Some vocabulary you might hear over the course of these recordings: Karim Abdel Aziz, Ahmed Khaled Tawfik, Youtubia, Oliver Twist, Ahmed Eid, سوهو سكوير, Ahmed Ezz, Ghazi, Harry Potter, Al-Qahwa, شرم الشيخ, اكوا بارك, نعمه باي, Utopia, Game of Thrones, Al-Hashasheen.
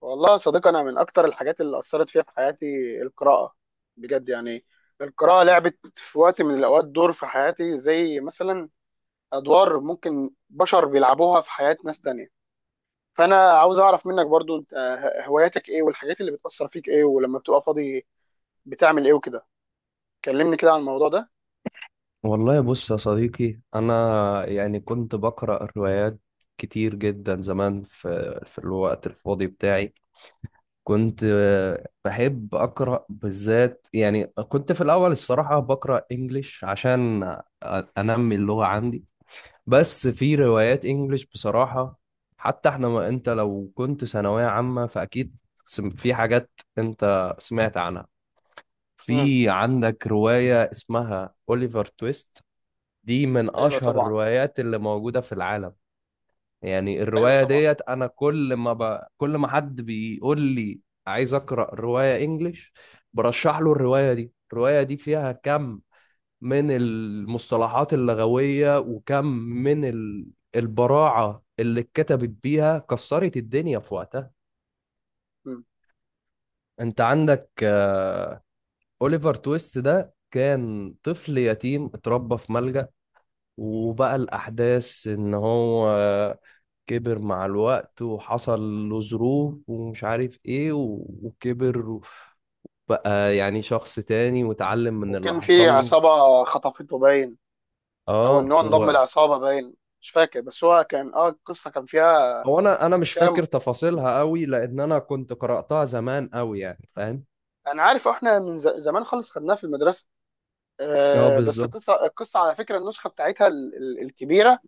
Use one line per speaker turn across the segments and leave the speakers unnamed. والله يا صديقي انا من اكتر الحاجات اللي اثرت فيها في حياتي القراءه. بجد يعني، القراءه لعبت في وقت من الاوقات دور في حياتي، زي مثلا ادوار ممكن بشر بيلعبوها في حياه ناس تانية. فانا عاوز اعرف منك برضو انت هواياتك ايه، والحاجات اللي بتاثر فيك ايه، ولما بتبقى فاضي بتعمل ايه وكده. كلمني كده عن الموضوع ده.
والله بص يا صديقي أنا، يعني كنت بقرأ روايات كتير جدا زمان في الوقت الفاضي بتاعي. كنت بحب أقرأ، بالذات يعني كنت في الأول، الصراحة بقرأ إنجليش عشان أنمي اللغة عندي. بس في روايات إنجليش بصراحة. حتى إحنا ما أنت لو كنت ثانوية عامة فأكيد في حاجات أنت سمعت عنها.
امم
في عندك رواية اسمها أوليفر تويست. دي من
ايوه
اشهر
طبعا.
الروايات اللي موجوده في العالم. يعني
ايوه
الروايه
طبعا.
ديت انا كل ما حد بيقول لي عايز اقرا روايه انجليش برشح له الروايه دي. الروايه دي فيها كم من المصطلحات اللغويه، وكم من البراعه اللي اتكتبت بيها، كسرت الدنيا في وقتها.
امم
انت عندك، اوليفر تويست ده كان طفل يتيم اتربى في ملجأ، وبقى الأحداث إن هو كبر مع الوقت وحصل له ظروف ومش عارف إيه وكبر، بقى يعني شخص تاني واتعلم من اللي
وكان في
حصل له.
عصابه خطفته باين، او ان
اه
هو انضم
هو.
لعصابه باين. مش فاكر، بس هو كان القصه كان فيها،
هو انا مش فاكر تفاصيلها قوي، لان انا كنت قرأتها زمان قوي، يعني فاهم.
انا عارف احنا من زمان خالص خدناها في المدرسه.
اه
أه، بس
بالظبط
القصه القصه على فكره، النسخه بتاعتها الكبيره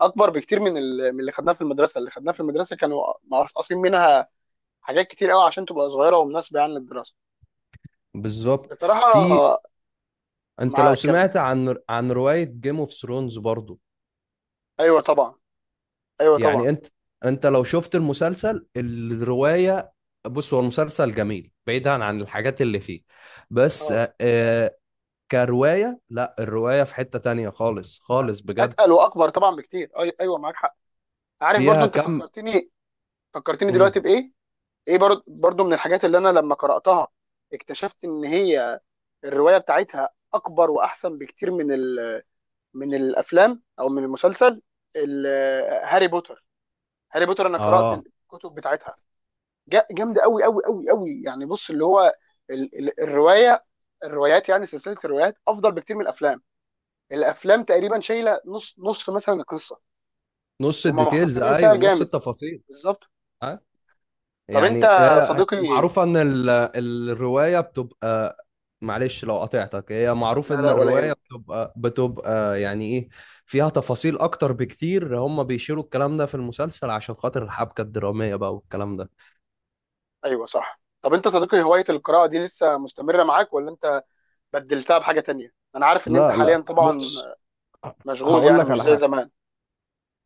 اكبر بكتير من من اللي خدناها في المدرسه. اللي خدناها في المدرسه كانوا مقصقصين منها حاجات كتير قوي عشان تبقى صغيره ومناسبه يعني للدراسه.
بالظبط.
بصراحه
في، انت لو
معاك كمل.
سمعت عن رواية جيم اوف ثرونز برضو.
ايوه طبعا. ايوه طبعا.
يعني انت لو شفت المسلسل الرواية. بص هو المسلسل جميل بعيدا عن الحاجات اللي فيه، بس
اه،
كرواية لا، الرواية في حتة تانية خالص خالص بجد.
اتقل واكبر طبعا بكتير. ايوه معاك حق. عارف برضو
فيها
انت
كم.
فكرتني، فكرتني
مم.
دلوقتي بايه؟ ايه برضو، برضو من الحاجات اللي انا لما قراتها اكتشفت ان هي الروايه بتاعتها اكبر واحسن بكتير من من الافلام او من المسلسل، ال- هاري بوتر. هاري بوتر انا قرات
اه،
الكتب بتاعتها، جامده قوي قوي قوي قوي. يعني بص، اللي هو الروايه، الروايات يعني سلسله الروايات افضل بكتير من الافلام. الافلام تقريبا شايله نص نص مثلا القصه،
نص
هم
الديتيلز،
مختصرين فيها
ايوه، نص
جامد.
التفاصيل.
بالظبط. طب انت
يعني هي
صديقي،
معروفة ان الرواية بتبقى، معلش لو قطعتك، هي معروف
لا
ان
لا ولا
الرواية
هم.
بتبقى يعني ايه؟ فيها تفاصيل اكتر بكتير. هم بيشيروا الكلام ده في المسلسل عشان خاطر الحبكة الدرامية بقى، والكلام ده.
ايوه صح. طب انت صديقي، هوايه القراءه دي لسه مستمره معاك، ولا انت بدلتها بحاجه تانية؟ انا عارف ان انت
لا
حاليا
لا،
طبعا
بص،
مشغول
هقول
يعني،
لك
مش
على
زي
حاجة.
زمان.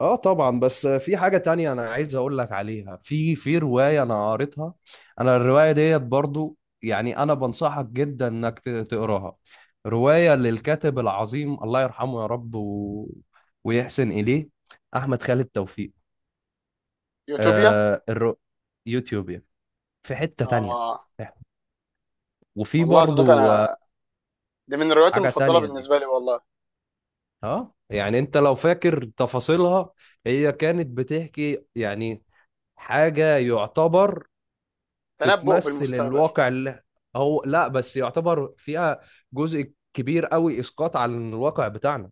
اه طبعا، بس في حاجة تانية انا عايز اقول لك عليها. في رواية انا قريتها، انا الرواية ديت برضو، يعني انا بنصحك جدا انك تقراها. رواية للكاتب العظيم، الله يرحمه يا رب ويحسن اليه، احمد خالد توفيق.
يوتوبيا.
آه الر... يوتيوب يعني. في حتة تانية،
اه،
وفي
والله يا صديقي
برضو
انا دي من الروايات
حاجة
المفضله
تانية دي.
بالنسبه لي والله.
اه، يعني انت لو فاكر تفاصيلها، هي كانت بتحكي يعني حاجة يعتبر
تنبؤ
بتمثل
بالمستقبل.
الواقع اللي هو، لا بس يعتبر فيها جزء كبير قوي اسقاط على الواقع بتاعنا.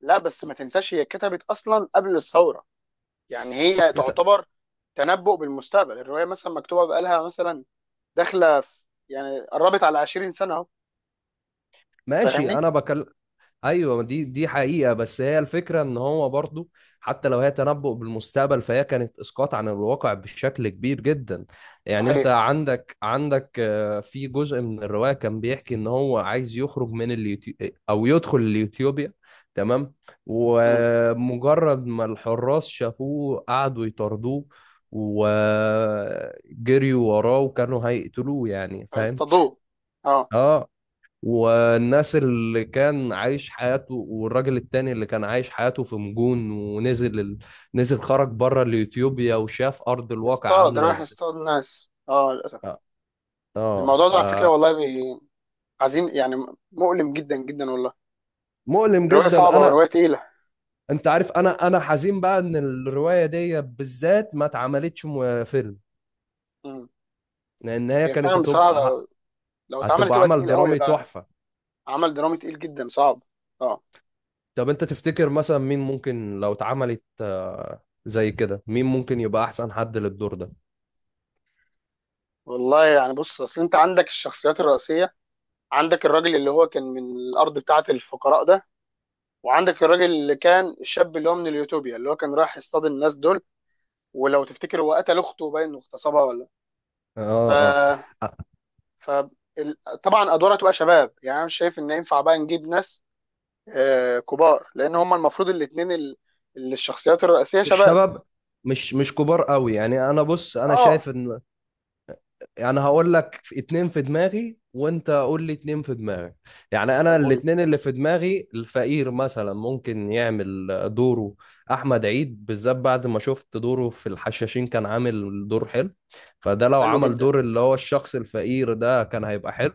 لا، بس ما تنساش هي اتكتبت اصلا قبل الثوره، يعني هي
اتكت-
تعتبر تنبؤ بالمستقبل. الروايه مثلا مكتوبه بقالها مثلا، داخله في يعني قربت على 20 سنه اهو.
ماشي،
فاهمني؟
انا بكلم. ايوه ما دي حقيقه، بس هي الفكره ان هو برضو حتى لو هي تنبؤ بالمستقبل، فهي كانت اسقاط عن الواقع بشكل كبير جدا. يعني انت
صحيح.
عندك في جزء من الروايه كان بيحكي ان هو عايز يخرج من اليوتيوب او يدخل اليوتيوبيا، تمام.
امم.
ومجرد ما الحراس شافوه قعدوا يطاردوه، وجريوا وراه وكانوا هيقتلوه، يعني فاهم.
هيصطادوه. اه.
اه والناس اللي كان عايش حياته والراجل التاني اللي كان عايش حياته في مجون، ونزل نزل، خرج بره اليوتيوبيا وشاف ارض الواقع
يصطاد،
عامله
رايح
ازاي.
يصطاد ناس، اه للاسف.
اه.
الموضوع ده على فكره
آه،
والله عظيم يعني، مؤلم جدا جدا والله.
فمؤلم
الروايه
جدا
صعبه
انا.
وروايه تقيله.
انت عارف انا حزين بقى ان الروايه دي بالذات ما اتعملتش فيلم،
امم.
لان هي
هي
كانت
فعلا بصراحه
هتبقى
لو اتعمل
هتبقى
تبقى
عمل
تقيل قوي،
درامي
هيبقى
تحفه.
عمل درامي تقيل جدا صعب. اه.
طب انت تفتكر مثلا مين ممكن لو اتعملت زي كده، مين ممكن يبقى احسن حد للدور ده؟
والله يعني بص، اصل انت عندك الشخصيات الرئيسيه، عندك الراجل اللي هو كان من الارض بتاعه الفقراء ده، وعندك الراجل اللي كان الشاب اللي هو من اليوتوبيا اللي هو كان رايح يصطاد الناس دول. ولو تفتكر هو قتل اخته باين انه اغتصبها ولا؟ ف،
اه اه،
ف، ال- طبعا ادوارها تبقى شباب يعني، انا مش شايف ان ينفع بقى نجيب ناس آه كبار، لان هم المفروض الاثنين اللي الشخصيات الرئيسيه
مش
شباب.
شباب، مش كبار قوي، يعني انا بص انا شايف
اه.
ان، يعني هقول لك في اتنين في دماغي وانت قول لي اتنين في دماغك. يعني انا
طب قول.
الاتنين اللي في دماغي، الفقير مثلا ممكن يعمل دوره احمد عيد، بالذات بعد ما شفت دوره في الحشاشين كان عامل دور حلو. فده لو
حلو
عمل
جدا.
دور اللي هو الشخص الفقير ده كان هيبقى حلو.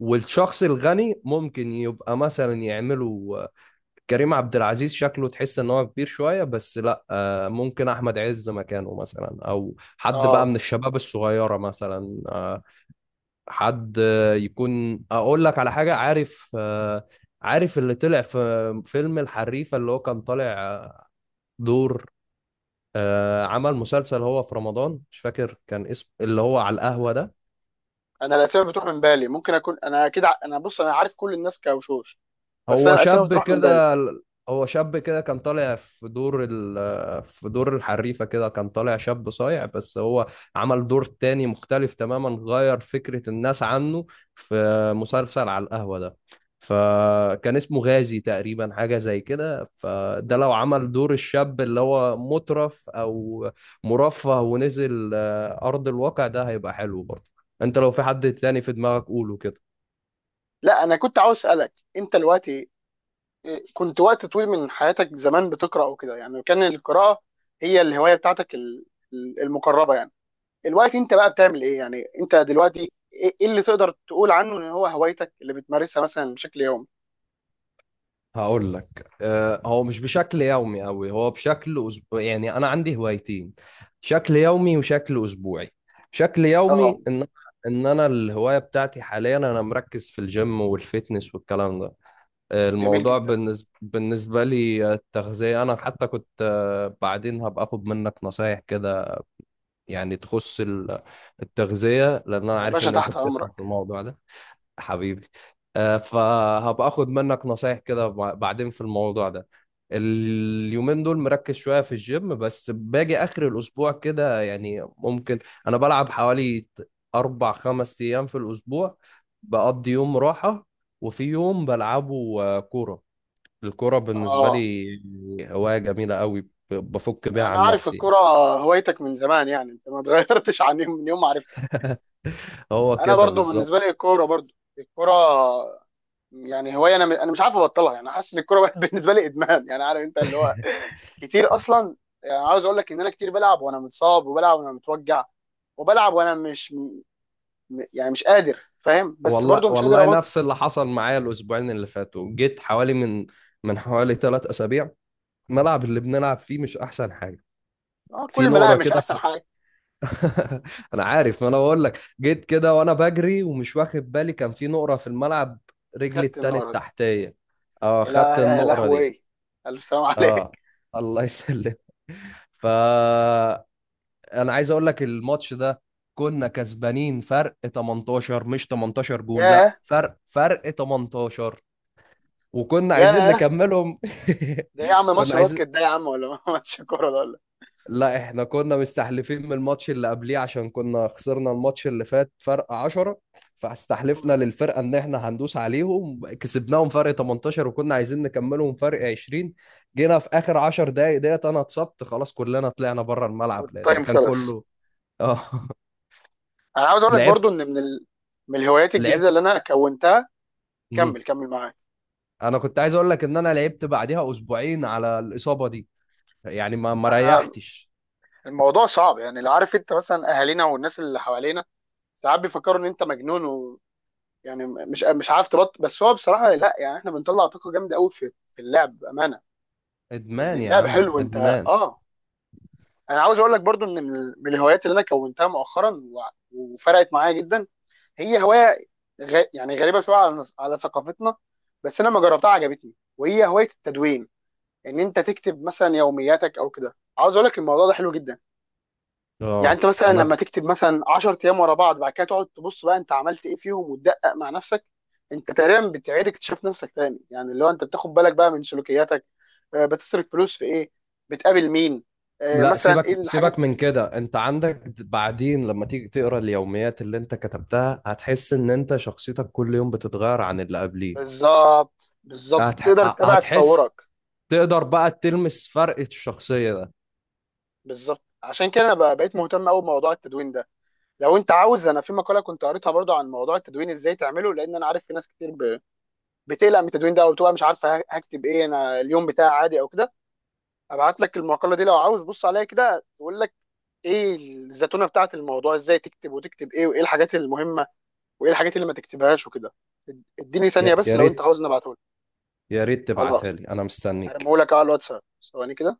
والشخص الغني ممكن يبقى مثلا يعمله كريم عبد العزيز، شكله تحس ان هو كبير شويه، بس لا، ممكن احمد عز مكانه مثلا، او حد بقى
اه،
من الشباب الصغيره مثلا، حد يكون، اقول لك على حاجه، عارف، عارف اللي طلع في فيلم الحريفه، اللي هو كان طالع دور، عمل مسلسل هو في رمضان مش فاكر كان اسمه، اللي هو على القهوه ده.
انا الاسماء بتروح من بالي، ممكن اكون انا اكيد انا بص، انا عارف كل الناس كوشوش، بس انا
هو
الاسماء
شاب
بتروح من بالي.
كده. كان طالع في دور في دور الحريفة كده، كان طالع شاب صايع، بس هو عمل دور تاني مختلف تماما، غير فكرة الناس عنه، في مسلسل على القهوة ده. فكان اسمه غازي تقريبا، حاجة زي كده.
م-
فده لو
م.
عمل دور الشاب اللي هو مترف أو مرفه ونزل أرض الواقع، ده هيبقى حلو برضه. انت لو في حد تاني في دماغك قوله كده.
لا انا كنت عاوز اسالك انت دلوقتي، إيه، كنت وقت طويل من حياتك زمان بتقرا وكده يعني، كان القراءه هي الهوايه بتاعتك المقربه يعني. دلوقتي انت بقى بتعمل ايه يعني؟ انت دلوقتي ايه، إيه اللي تقدر تقول عنه ان هو هوايتك اللي بتمارسها مثلا بشكل يومي؟
هقول لك، هو مش بشكل يومي قوي، هو بشكل أسبوع. يعني انا عندي هوايتين، شكل يومي وشكل اسبوعي. شكل
اه.
يومي ان انا الهوايه بتاعتي حاليا، انا مركز في الجيم والفيتنس والكلام ده.
جميل
الموضوع
جدا.
بالنسبه لي، التغذيه. انا حتى كنت، بعدين هبقى اخد منك نصايح كده، يعني تخص التغذيه، لان انا
يا
عارف
باشا
ان انت
تحت
بتفهم في
امرك.
الموضوع ده. حبيبي، فهبقى اخد منك نصايح كده بعدين في الموضوع ده. اليومين دول مركز شوية في الجيم، بس باجي آخر الأسبوع كده يعني ممكن أنا بلعب حوالي أربع خمس أيام في الأسبوع، بقضي يوم راحة، وفي يوم بلعبه كورة. الكورة بالنسبة
اه
لي هواية جميلة قوي، بفك بيها
انا
عن
عارف
نفسي.
الكرة هوايتك من زمان يعني، انت ما اتغيرتش عن يوم من يوم ما عرفتها.
هو
انا
كده
برضو
بالظبط.
بالنسبه لي الكوره، برضو الكوره يعني هوايه، انا انا مش عارف ابطلها يعني، حاسس ان الكوره بقت بالنسبه لي ادمان يعني، عارف انت اللي هو كتير اصلا. يعني عاوز اقول لك ان انا كتير بلعب وانا متصاب، وبلعب وانا متوجع، وبلعب وانا مش يعني مش قادر، فاهم؟ بس برضو
والله
مش قادر
والله،
ابطل.
نفس اللي حصل معايا الاسبوعين اللي فاتوا. جيت حوالي من حوالي 3 اسابيع، الملعب اللي بنلعب فيه مش احسن حاجه،
آه
في
كل ما لاعب
نقره
مش
كده
احسن حاجه.
انا عارف، ما انا بقول لك، جيت كده وانا بجري ومش واخد بالي، كان في نقره في الملعب، رجلي
خدت
التاني
النار دي.
التحتيه. اه خدت
يا
النقره
لهوي
دي.
ايه! الف سلام
اه
عليك.
الله يسلم. فانا عايز اقول لك الماتش ده كنا كسبانين فرق 18، مش 18 جون، لا
ياه.
فرق 18، وكنا عايزين
ياه.
نكملهم.
ده إيه يا عم،
كنا
ماتش باسكت
عايزين
ده يا عم ولا ماتش كوره ده ولا؟
لا احنا كنا مستحلفين من الماتش اللي قبليه، عشان كنا خسرنا الماتش اللي فات فرق 10. فاستحلفنا
مم.
للفرقة ان احنا هندوس عليهم، كسبناهم فرق 18، وكنا عايزين نكملهم فرق 20. جينا في اخر 10 دقايق ديت انا اتصبت خلاص، كلنا طلعنا بره الملعب لان
والتايم
كان
خلص.
كله. اه.
انا عاوز اقول لك برضو
لعبت
ان من من الهوايات الجديده
لعبت.
اللي انا كونتها،
مم.
كمل كمل معاك.
انا كنت عايز اقول لك ان انا لعبت بعديها اسبوعين على الاصابة دي، يعني ما
احنا
ريحتش.
الموضوع صعب يعني، اللي عارف انت مثلا اهالينا والناس اللي حوالينا ساعات بيفكروا ان انت مجنون و... يعني مش مش عارف تبط، بس هو بصراحه لا، يعني احنا بنطلع طاقه جامده قوي في في اللعب بامانه، يعني
ادمان يا
اللعب
عم،
حلو انت.
ادمان.
اه. انا عاوز اقول لك برضو ان من من الهوايات اللي انا كونتها مؤخرا و... وفرقت معايا جدا، هي هوايه يعني غريبه شويه على على ثقافتنا، بس انا لما جربتها عجبتني، وهي هوايه التدوين. ان انت تكتب مثلا يومياتك او كده. عاوز اقول لك الموضوع ده حلو جدا، يعني
اه،
انت مثلا لما تكتب مثلا 10 ايام ورا بعض، بعد كده تقعد تبص بقى انت عملت ايه فيهم وتدقق مع نفسك، انت تقريبا بتعيد اكتشاف نفسك تاني. يعني اللي هو انت بتاخد بالك بقى من سلوكياتك، بتصرف فلوس في ايه، بتقابل مين،
لا،
مثلا
سيبك
ايه الحاجات.
سيبك من كده. انت عندك بعدين لما تيجي تقرا اليوميات اللي انت كتبتها، هتحس ان انت شخصيتك كل يوم بتتغير عن اللي قبليه.
بالظبط، بالظبط،
هتح...
تقدر تتابع تطورك.
هتحس تقدر بقى تلمس فرق الشخصية ده.
بالظبط، عشان كده انا بقيت مهتم قوي بموضوع التدوين ده. لو انت عاوز، انا في مقاله كنت قريتها برضو عن موضوع التدوين ازاي تعمله، لان انا عارف في ناس كتير بتقلق من التدوين ده او بتبقى مش عارفه هكتب ايه، انا اليوم بتاعي عادي او كده. ابعت لك المقاله دي لو عاوز، بص عليها كده، تقول لك ايه الزتونه بتاعت الموضوع، ازاي تكتب وتكتب ايه، وايه الحاجات المهمه، وايه الحاجات اللي ما تكتبهاش وكده. اديني ثانيه
يا
بس
يا
لو انت
ريت،
عاوز نبعته لك.
يا ريت
خلاص،
تبعتها لي، انا مستنيك.
هرميه لك على الواتساب، ثواني كده.